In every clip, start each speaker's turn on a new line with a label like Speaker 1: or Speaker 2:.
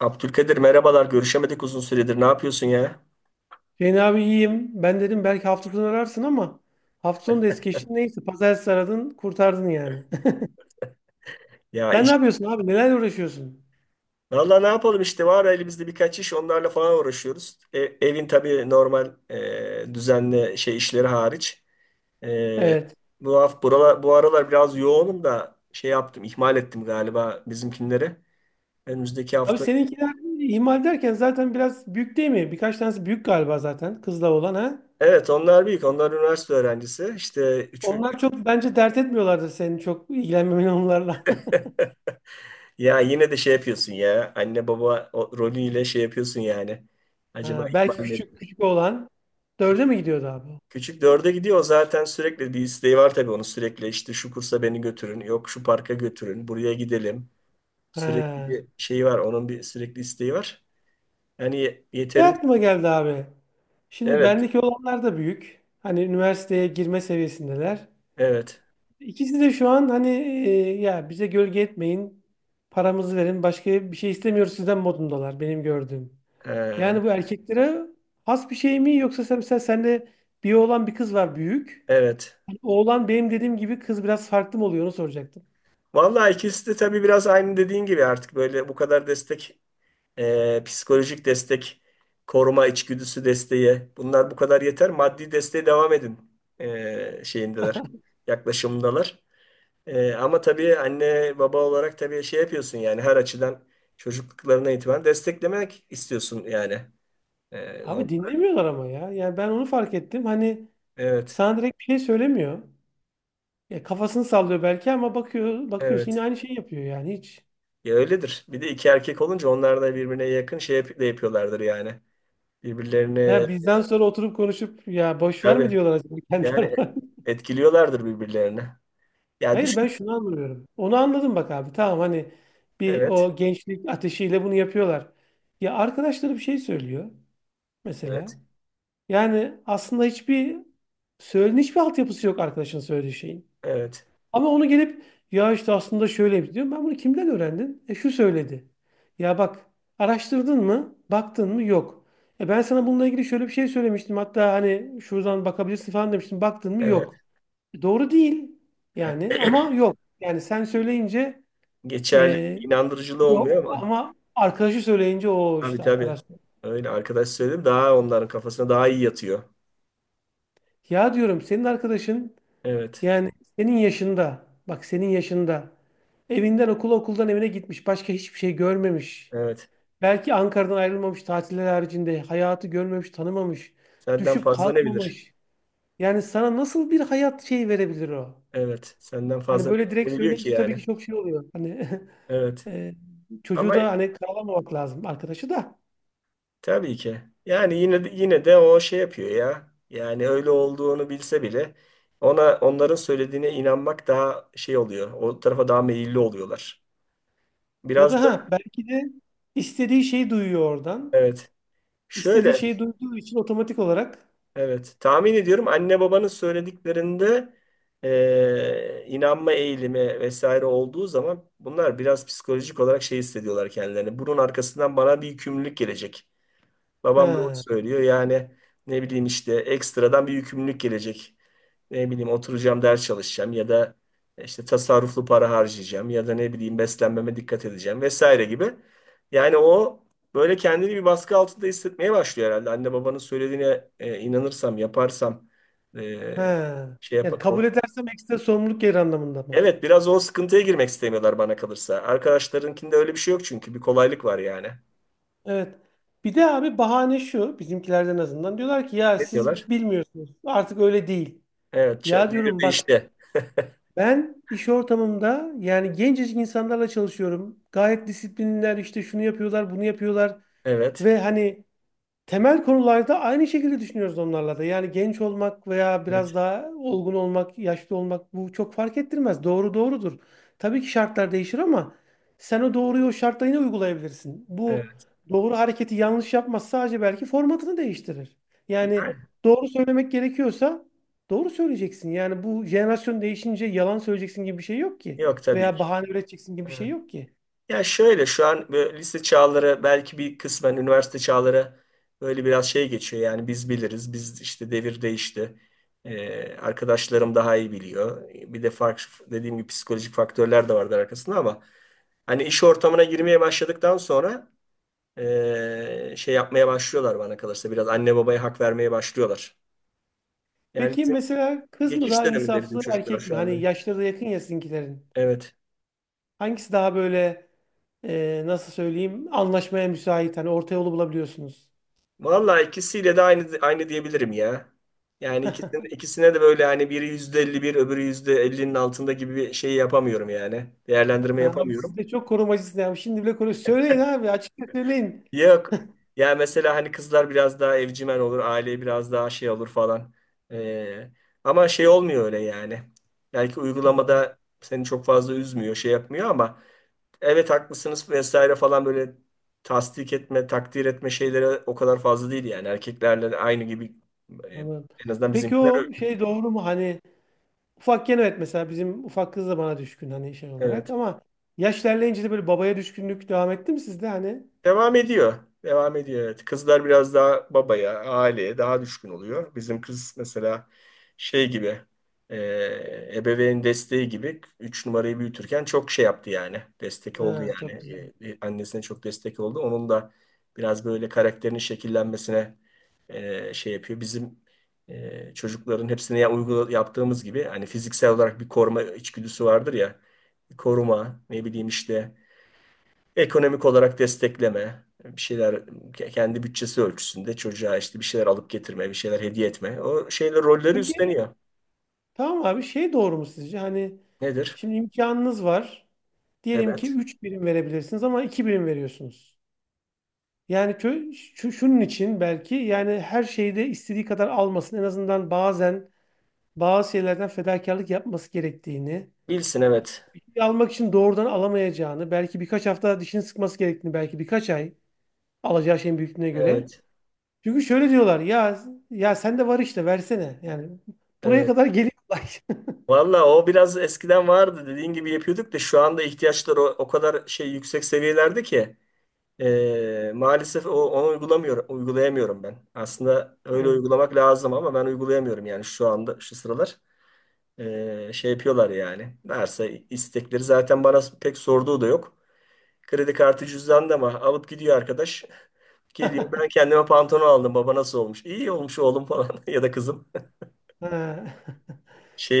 Speaker 1: Abdülkadir merhabalar. Görüşemedik uzun süredir. Ne yapıyorsun ya?
Speaker 2: Hüseyin abi iyiyim. Ben dedim belki hafta sonu ararsın ama hafta sonu da es geçti. Neyse pazartesi aradın kurtardın yani.
Speaker 1: Ya
Speaker 2: Sen ne
Speaker 1: iş.
Speaker 2: yapıyorsun abi? Nelerle uğraşıyorsun?
Speaker 1: Valla ne yapalım işte var elimizde birkaç iş onlarla falan uğraşıyoruz. Evin tabii normal düzenli şey işleri hariç. E,
Speaker 2: Evet.
Speaker 1: Bu hafta buralar, bu aralar biraz yoğunum da şey yaptım ihmal ettim galiba bizimkinleri. Önümüzdeki
Speaker 2: Abi
Speaker 1: hafta.
Speaker 2: seninkiler ihmal derken zaten biraz büyük değil mi? Birkaç tanesi büyük galiba zaten kızla olan ha.
Speaker 1: Evet, onlar büyük. Onlar üniversite öğrencisi. İşte üçü.
Speaker 2: Onlar çok bence dert etmiyorlardır senin çok ilgilenmemen onlarla.
Speaker 1: Ya yine de şey yapıyorsun ya. Anne baba rolüyle şey yapıyorsun yani. Acaba
Speaker 2: Ha, belki
Speaker 1: ihmal mi
Speaker 2: küçük
Speaker 1: ettim?
Speaker 2: küçük olan dörde mi gidiyordu abi?
Speaker 1: Küçük dörde gidiyor zaten, sürekli bir isteği var tabii onun. Sürekli işte şu kursa beni götürün, yok şu parka götürün, buraya gidelim, sürekli
Speaker 2: Ha.
Speaker 1: bir şeyi var onun, bir sürekli isteği var. Hani
Speaker 2: Ne
Speaker 1: yeterince
Speaker 2: aklıma geldi abi? Şimdi
Speaker 1: evet,
Speaker 2: bendeki olanlar da büyük. Hani üniversiteye girme seviyesindeler.
Speaker 1: evet.
Speaker 2: İkisi de şu an hani ya bize gölge etmeyin, paramızı verin, başka bir şey istemiyoruz sizden modundalar benim gördüğüm.
Speaker 1: Ee,
Speaker 2: Yani bu erkeklere has bir şey mi yoksa sen, mesela sende bir oğlan bir kız var büyük.
Speaker 1: evet,
Speaker 2: Hani oğlan benim dediğim gibi kız biraz farklı mı oluyor onu soracaktım.
Speaker 1: vallahi ikisi de tabii biraz aynı dediğin gibi. Artık böyle bu kadar destek, psikolojik destek, koruma içgüdüsü desteği, bunlar bu kadar yeter, maddi desteğe devam edin, şeyindeler, yaklaşımındalar. Ama tabii anne baba olarak tabii şey yapıyorsun yani her açıdan çocukluklarına itibaren desteklemek istiyorsun yani. Ee,
Speaker 2: Abi
Speaker 1: on-
Speaker 2: dinlemiyorlar ama ya. Yani ben onu fark ettim. Hani
Speaker 1: evet,
Speaker 2: sana direkt bir şey söylemiyor. Ya kafasını sallıyor belki ama bakıyor bakıyorsun yine
Speaker 1: evet.
Speaker 2: aynı şeyi yapıyor yani hiç.
Speaker 1: Ya öyledir. Bir de iki erkek olunca onlar da birbirine yakın de yapıyorlardır yani. Birbirlerini
Speaker 2: Ha, bizden sonra oturup konuşup ya boş ver mi
Speaker 1: tabii
Speaker 2: diyorlar acaba kendi
Speaker 1: yani
Speaker 2: aralarında?
Speaker 1: etkiliyorlardır birbirlerini. Yani
Speaker 2: Hayır ben
Speaker 1: düşün.
Speaker 2: şunu anlamıyorum. Onu anladım bak abi. Tamam hani bir
Speaker 1: Evet,
Speaker 2: o gençlik ateşiyle bunu yapıyorlar. Ya arkadaşları bir şey söylüyor
Speaker 1: evet,
Speaker 2: mesela. Yani aslında hiçbir hiçbir altyapısı yok arkadaşın söylediği şeyin.
Speaker 1: evet,
Speaker 2: Ama onu gelip ya işte aslında şöyle diyorum. Ben bunu kimden öğrendin? E şu söyledi. Ya bak araştırdın mı? Baktın mı? Yok. E ben sana bununla ilgili şöyle bir şey söylemiştim. Hatta hani şuradan bakabilirsin falan demiştim. Baktın mı?
Speaker 1: evet.
Speaker 2: Yok. Doğru değil yani ama yok. Yani sen söyleyince
Speaker 1: Geçerli bir
Speaker 2: e,
Speaker 1: inandırıcılığı
Speaker 2: yok
Speaker 1: olmuyor ama.
Speaker 2: ama arkadaşı söyleyince o
Speaker 1: Tabii
Speaker 2: işte
Speaker 1: tabii.
Speaker 2: arkadaş.
Speaker 1: Öyle arkadaş söyledim daha onların kafasına daha iyi yatıyor.
Speaker 2: Ya diyorum senin arkadaşın
Speaker 1: Evet,
Speaker 2: yani senin yaşında bak senin yaşında evinden okula okuldan evine gitmiş başka hiçbir şey görmemiş.
Speaker 1: evet.
Speaker 2: Belki Ankara'dan ayrılmamış tatiller haricinde hayatı görmemiş tanımamış
Speaker 1: Senden
Speaker 2: düşüp
Speaker 1: fazla ne bilir?
Speaker 2: kalkmamış. Yani sana nasıl bir hayat şeyi verebilir o?
Speaker 1: Evet. Senden
Speaker 2: Hani
Speaker 1: fazla
Speaker 2: böyle
Speaker 1: ne
Speaker 2: direkt
Speaker 1: biliyor ki
Speaker 2: söyleyince tabii
Speaker 1: yani?
Speaker 2: ki çok şey oluyor. Hani
Speaker 1: Evet.
Speaker 2: Ee,
Speaker 1: Ama
Speaker 2: çocuğu da hani karalamamak lazım arkadaşı da.
Speaker 1: tabii ki. Yani yine de, yine de o şey yapıyor ya. Yani öyle olduğunu bilse bile ona onların söylediğine inanmak daha şey oluyor. O tarafa daha meyilli oluyorlar.
Speaker 2: Ya
Speaker 1: Biraz
Speaker 2: da
Speaker 1: da
Speaker 2: ha belki de istediği şeyi duyuyor oradan.
Speaker 1: evet.
Speaker 2: İstediği
Speaker 1: Şöyle
Speaker 2: şeyi duyduğu için otomatik olarak.
Speaker 1: evet. Tahmin ediyorum anne babanın söylediklerinde inanma eğilimi vesaire olduğu zaman bunlar biraz psikolojik olarak şey hissediyorlar kendilerini. Bunun arkasından bana bir yükümlülük gelecek. Babam doğru
Speaker 2: Ha.
Speaker 1: söylüyor. Yani ne bileyim işte ekstradan bir yükümlülük gelecek. Ne bileyim oturacağım ders çalışacağım ya da işte tasarruflu para harcayacağım ya da ne bileyim beslenmeme dikkat edeceğim vesaire gibi. Yani o böyle kendini bir baskı altında hissetmeye başlıyor herhalde. Anne babanın söylediğine inanırsam, yaparsam e,
Speaker 2: Ha.
Speaker 1: şey
Speaker 2: Yani
Speaker 1: yapar.
Speaker 2: kabul edersem ekstra sorumluluk gelir anlamında mı?
Speaker 1: Evet, biraz o sıkıntıya girmek istemiyorlar bana kalırsa. Arkadaşlarınkinde öyle bir şey yok çünkü bir kolaylık var yani.
Speaker 2: Evet. Bir de abi bahane şu bizimkilerden azından diyorlar ki ya
Speaker 1: Ne diyorlar?
Speaker 2: siz bilmiyorsunuz artık öyle değil.
Speaker 1: Evet,
Speaker 2: Ya
Speaker 1: devir
Speaker 2: diyorum bak
Speaker 1: değişti.
Speaker 2: ben iş ortamımda yani gencecik insanlarla çalışıyorum. Gayet disiplinler işte şunu yapıyorlar bunu yapıyorlar.
Speaker 1: Evet.
Speaker 2: Ve hani temel konularda aynı şekilde düşünüyoruz onlarla da. Yani genç olmak veya biraz
Speaker 1: Evet.
Speaker 2: daha olgun olmak, yaşlı olmak bu çok fark ettirmez. Doğru doğrudur. Tabii ki şartlar değişir ama sen o doğruyu o şartla yine uygulayabilirsin. Bu
Speaker 1: Evet.
Speaker 2: doğru hareketi yanlış yapmaz sadece belki formatını değiştirir. Yani
Speaker 1: Yani
Speaker 2: doğru söylemek gerekiyorsa doğru söyleyeceksin. Yani bu jenerasyon değişince yalan söyleyeceksin gibi bir şey yok ki.
Speaker 1: yok tabii
Speaker 2: Veya
Speaker 1: ki.
Speaker 2: bahane üreteceksin gibi bir
Speaker 1: Evet.
Speaker 2: şey yok ki.
Speaker 1: Ya şöyle şu an böyle lise çağları belki bir kısmen üniversite çağları böyle biraz şey geçiyor. Yani biz biliriz. Biz işte devir değişti. Arkadaşlarım daha iyi biliyor. Bir de farklı dediğim gibi psikolojik faktörler de vardır arkasında ama hani iş ortamına girmeye başladıktan sonra şey yapmaya başlıyorlar bana kalırsa, biraz anne babaya hak vermeye başlıyorlar. Yani
Speaker 2: Peki
Speaker 1: bizim
Speaker 2: mesela kız mı
Speaker 1: geçiş
Speaker 2: daha
Speaker 1: döneminde bizim
Speaker 2: insaflı
Speaker 1: çocuklar
Speaker 2: erkek mi?
Speaker 1: şu anda.
Speaker 2: Hani yaşları da yakın ya sizinkilerin.
Speaker 1: Evet.
Speaker 2: Hangisi daha böyle nasıl söyleyeyim anlaşmaya müsait hani orta yolu bulabiliyorsunuz.
Speaker 1: Vallahi ikisiyle de aynı aynı diyebilirim ya. Yani ikisine de böyle hani biri %50 bir öbürü %50'nin altında gibi bir şey yapamıyorum yani. Değerlendirme
Speaker 2: Ha, abi siz
Speaker 1: yapamıyorum.
Speaker 2: de çok korumacısınız ya. Şimdi bile koru. Söyleyin abi açıkça söyleyin.
Speaker 1: Yok. Ya mesela hani kızlar biraz daha evcimen olur, aileye biraz daha şey olur falan. Ee, ama şey olmuyor öyle yani. Belki
Speaker 2: Hmm.
Speaker 1: uygulamada seni çok fazla üzmüyor, şey yapmıyor ama evet haklısınız vesaire falan böyle tasdik etme, takdir etme şeylere o kadar fazla değil yani. Erkeklerle aynı gibi. e,
Speaker 2: Anladım.
Speaker 1: En azından
Speaker 2: Peki
Speaker 1: bizimkiler öyle.
Speaker 2: o şey doğru mu? Hani ufakken evet mesela bizim ufak kız da bana düşkün hani şey olarak
Speaker 1: Evet.
Speaker 2: ama yaş ilerleyince de böyle babaya düşkünlük devam etti mi sizde hani?
Speaker 1: Devam ediyor. Devam ediyor evet. Kızlar biraz daha babaya, aileye daha düşkün oluyor. Bizim kız mesela şey gibi e, ebeveyn desteği gibi 3 numarayı büyütürken çok şey yaptı yani. Destek oldu
Speaker 2: Ha,
Speaker 1: yani.
Speaker 2: çok güzel.
Speaker 1: Annesine çok destek oldu. Onun da biraz böyle karakterinin şekillenmesine şey yapıyor. Bizim çocukların hepsine ya, uygula, yaptığımız gibi hani fiziksel olarak bir koruma içgüdüsü vardır ya. Koruma, ne bileyim işte ekonomik olarak destekleme, bir şeyler kendi bütçesi ölçüsünde çocuğa işte bir şeyler alıp getirme, bir şeyler hediye etme. O şeyler rolleri
Speaker 2: Peki
Speaker 1: üstleniyor.
Speaker 2: tamam abi şey doğru mu sizce? Hani
Speaker 1: Nedir?
Speaker 2: şimdi imkanınız var. Diyelim ki
Speaker 1: Evet.
Speaker 2: 3 birim verebilirsiniz ama 2 birim veriyorsunuz. Yani şunun için belki yani her şeyde istediği kadar almasın. En azından bazen bazı şeylerden fedakarlık yapması gerektiğini,
Speaker 1: Bilsin evet.
Speaker 2: almak için doğrudan alamayacağını, belki birkaç hafta dişini sıkması gerektiğini, belki birkaç ay alacağı şeyin büyüklüğüne göre.
Speaker 1: Evet.
Speaker 2: Çünkü şöyle diyorlar ya ya sende var işte versene. Yani buraya
Speaker 1: Evet.
Speaker 2: kadar geliyor. Olay.
Speaker 1: Valla o biraz eskiden vardı dediğin gibi yapıyorduk da şu anda ihtiyaçlar o kadar şey yüksek seviyelerde ki maalesef onu uygulamıyorum, uygulayamıyorum ben. Aslında öyle
Speaker 2: Evet.
Speaker 1: uygulamak lazım ama ben uygulayamıyorum yani şu anda şu sıralar. Şey yapıyorlar yani. Varsa istekleri zaten bana pek sorduğu da yok. Kredi kartı cüzdan da mı? Alıp gidiyor arkadaş. Geliyor, ben kendime pantolon aldım. Baba, nasıl olmuş? İyi olmuş oğlum falan ya da kızım.
Speaker 2: Ha.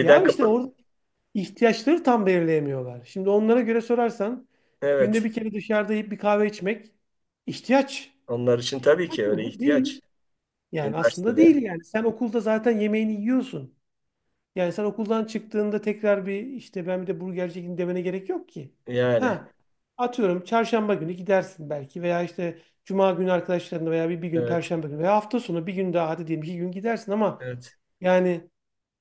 Speaker 2: Ya işte
Speaker 1: kapat.
Speaker 2: orada ihtiyaçları tam belirleyemiyorlar. Şimdi onlara göre sorarsan günde
Speaker 1: Evet.
Speaker 2: bir kere dışarıda yiyip bir kahve içmek ihtiyaç.
Speaker 1: Onlar için tabii
Speaker 2: İhtiyaç
Speaker 1: ki
Speaker 2: mı
Speaker 1: öyle
Speaker 2: bu? Değil.
Speaker 1: ihtiyaç.
Speaker 2: Yani aslında
Speaker 1: Üniversitede.
Speaker 2: değil yani. Sen okulda zaten yemeğini yiyorsun. Yani sen okuldan çıktığında tekrar bir işte ben bir de burgerci gideyim demene gerek yok ki.
Speaker 1: Yani.
Speaker 2: Ha, atıyorum çarşamba günü gidersin belki veya işte cuma günü arkadaşlarınla veya bir gün
Speaker 1: Evet.
Speaker 2: perşembe günü veya hafta sonu bir gün daha hadi diyelim iki gün gidersin ama
Speaker 1: Evet.
Speaker 2: yani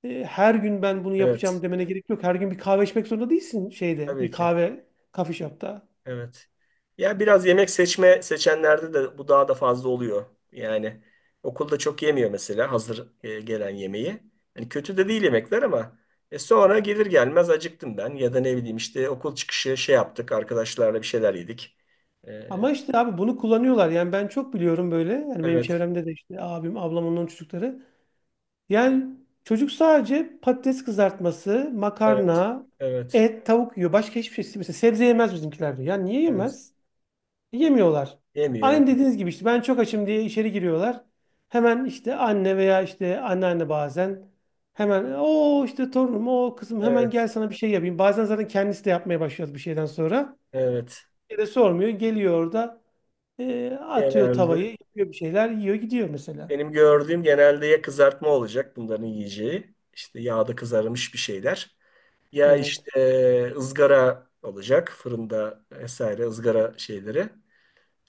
Speaker 2: her gün ben bunu yapacağım
Speaker 1: Evet.
Speaker 2: demene gerek yok. Her gün bir kahve içmek zorunda değilsin şeyde,
Speaker 1: Tabii
Speaker 2: bir
Speaker 1: ki.
Speaker 2: kahve coffee shop'ta.
Speaker 1: Evet. Ya biraz yemek seçme seçenlerde de bu daha da fazla oluyor. Yani okulda çok yemiyor mesela hazır gelen yemeği. Hani kötü de değil yemekler ama sonra gelir gelmez acıktım ben ya da ne bileyim işte okul çıkışı şey yaptık arkadaşlarla bir şeyler yedik. E,
Speaker 2: Ama işte abi bunu kullanıyorlar. Yani ben çok biliyorum böyle. Yani benim
Speaker 1: evet,
Speaker 2: çevremde de işte abim, ablam onların çocukları. Yani çocuk sadece patates kızartması,
Speaker 1: evet,
Speaker 2: makarna,
Speaker 1: evet,
Speaker 2: et, tavuk yiyor. Başka hiçbir şey. Mesela sebze yemez bizimkiler diyor. Ya niye
Speaker 1: evet.
Speaker 2: yemez? Yemiyorlar.
Speaker 1: Yemiyor.
Speaker 2: Aynı dediğiniz gibi işte ben çok açım diye içeri giriyorlar. Hemen işte anne veya işte anneanne bazen hemen o işte torunum o kızım hemen gel
Speaker 1: Evet,
Speaker 2: sana bir şey yapayım. Bazen zaten kendisi de yapmaya başlıyor bir şeyden sonra.
Speaker 1: evet.
Speaker 2: Bir de sormuyor geliyor orada atıyor tavayı
Speaker 1: Genelde
Speaker 2: yapıyor bir şeyler yiyor gidiyor mesela.
Speaker 1: benim gördüğüm, genelde ya kızartma olacak bunların yiyeceği. İşte yağda kızarmış bir şeyler. Ya
Speaker 2: Evet.
Speaker 1: işte ızgara olacak fırında vesaire, ızgara şeyleri.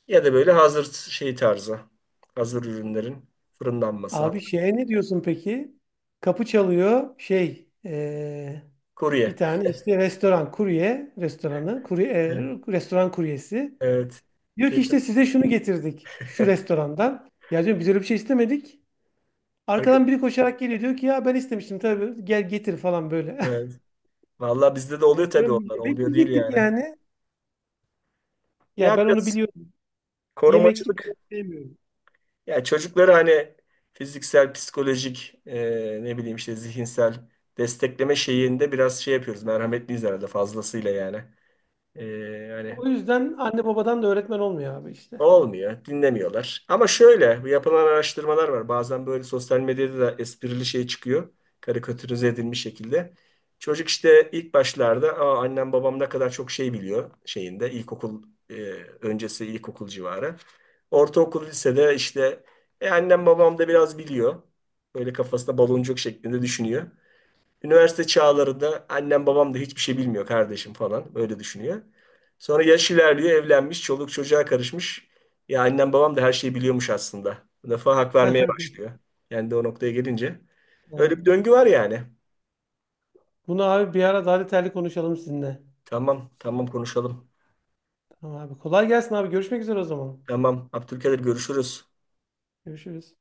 Speaker 1: Ya da böyle hazır şey tarzı. Hazır ürünlerin fırınlanması.
Speaker 2: Abi
Speaker 1: Hazır.
Speaker 2: şeye ne diyorsun peki? Kapı çalıyor şey bir
Speaker 1: Kurye.
Speaker 2: tane işte restoran kurye restoranı kurye, e,
Speaker 1: Evet.
Speaker 2: restoran kuryesi.
Speaker 1: Evet.
Speaker 2: Diyor ki işte
Speaker 1: Kesin.
Speaker 2: size şunu getirdik şu restorandan. Ya diyorum biz öyle bir şey istemedik. Arkadan
Speaker 1: Harika.
Speaker 2: biri koşarak geliyor diyor ki ya ben istemiştim tabii gel getir falan böyle.
Speaker 1: Evet. Vallahi bizde de oluyor
Speaker 2: Ya
Speaker 1: tabii
Speaker 2: diyorum
Speaker 1: onlar.
Speaker 2: yemek
Speaker 1: Olmuyor değil
Speaker 2: yiyecektik
Speaker 1: yani.
Speaker 2: yani. Ya
Speaker 1: Ya
Speaker 2: ben onu
Speaker 1: biraz
Speaker 2: biliyorum. Yemek ben
Speaker 1: korumacılık.
Speaker 2: onu sevmiyorum.
Speaker 1: Ya çocukları hani fiziksel, psikolojik, ne bileyim işte zihinsel destekleme şeyinde biraz şey yapıyoruz. Merhametliyiz herhalde fazlasıyla yani. Hani
Speaker 2: O yüzden anne babadan da öğretmen olmuyor abi işte.
Speaker 1: olmuyor, dinlemiyorlar. Ama şöyle, bu yapılan araştırmalar var. Bazen böyle sosyal medyada da esprili şey çıkıyor. Karikatürize edilmiş şekilde. Çocuk işte ilk başlarda, "Aa, annem babam ne kadar çok şey biliyor" şeyinde, ilkokul e, öncesi, ilkokul civarı. Ortaokul lisede işte, annem babam da biraz biliyor." Böyle kafasında baloncuk şeklinde düşünüyor. Üniversite çağlarında, "Annem babam da hiçbir şey bilmiyor kardeşim" falan böyle düşünüyor. Sonra yaş ilerliyor, evlenmiş, çoluk çocuğa karışmış. "Ya annem babam da her şeyi biliyormuş aslında." Bu defa hak vermeye başlıyor. Yani de o noktaya gelince. Öyle
Speaker 2: Evet.
Speaker 1: bir döngü var yani.
Speaker 2: Bunu abi bir ara daha detaylı konuşalım sizinle.
Speaker 1: Tamam, tamam konuşalım.
Speaker 2: Tamam abi. Kolay gelsin abi. Görüşmek üzere o zaman.
Speaker 1: Tamam, Abdülkadir görüşürüz.
Speaker 2: Görüşürüz.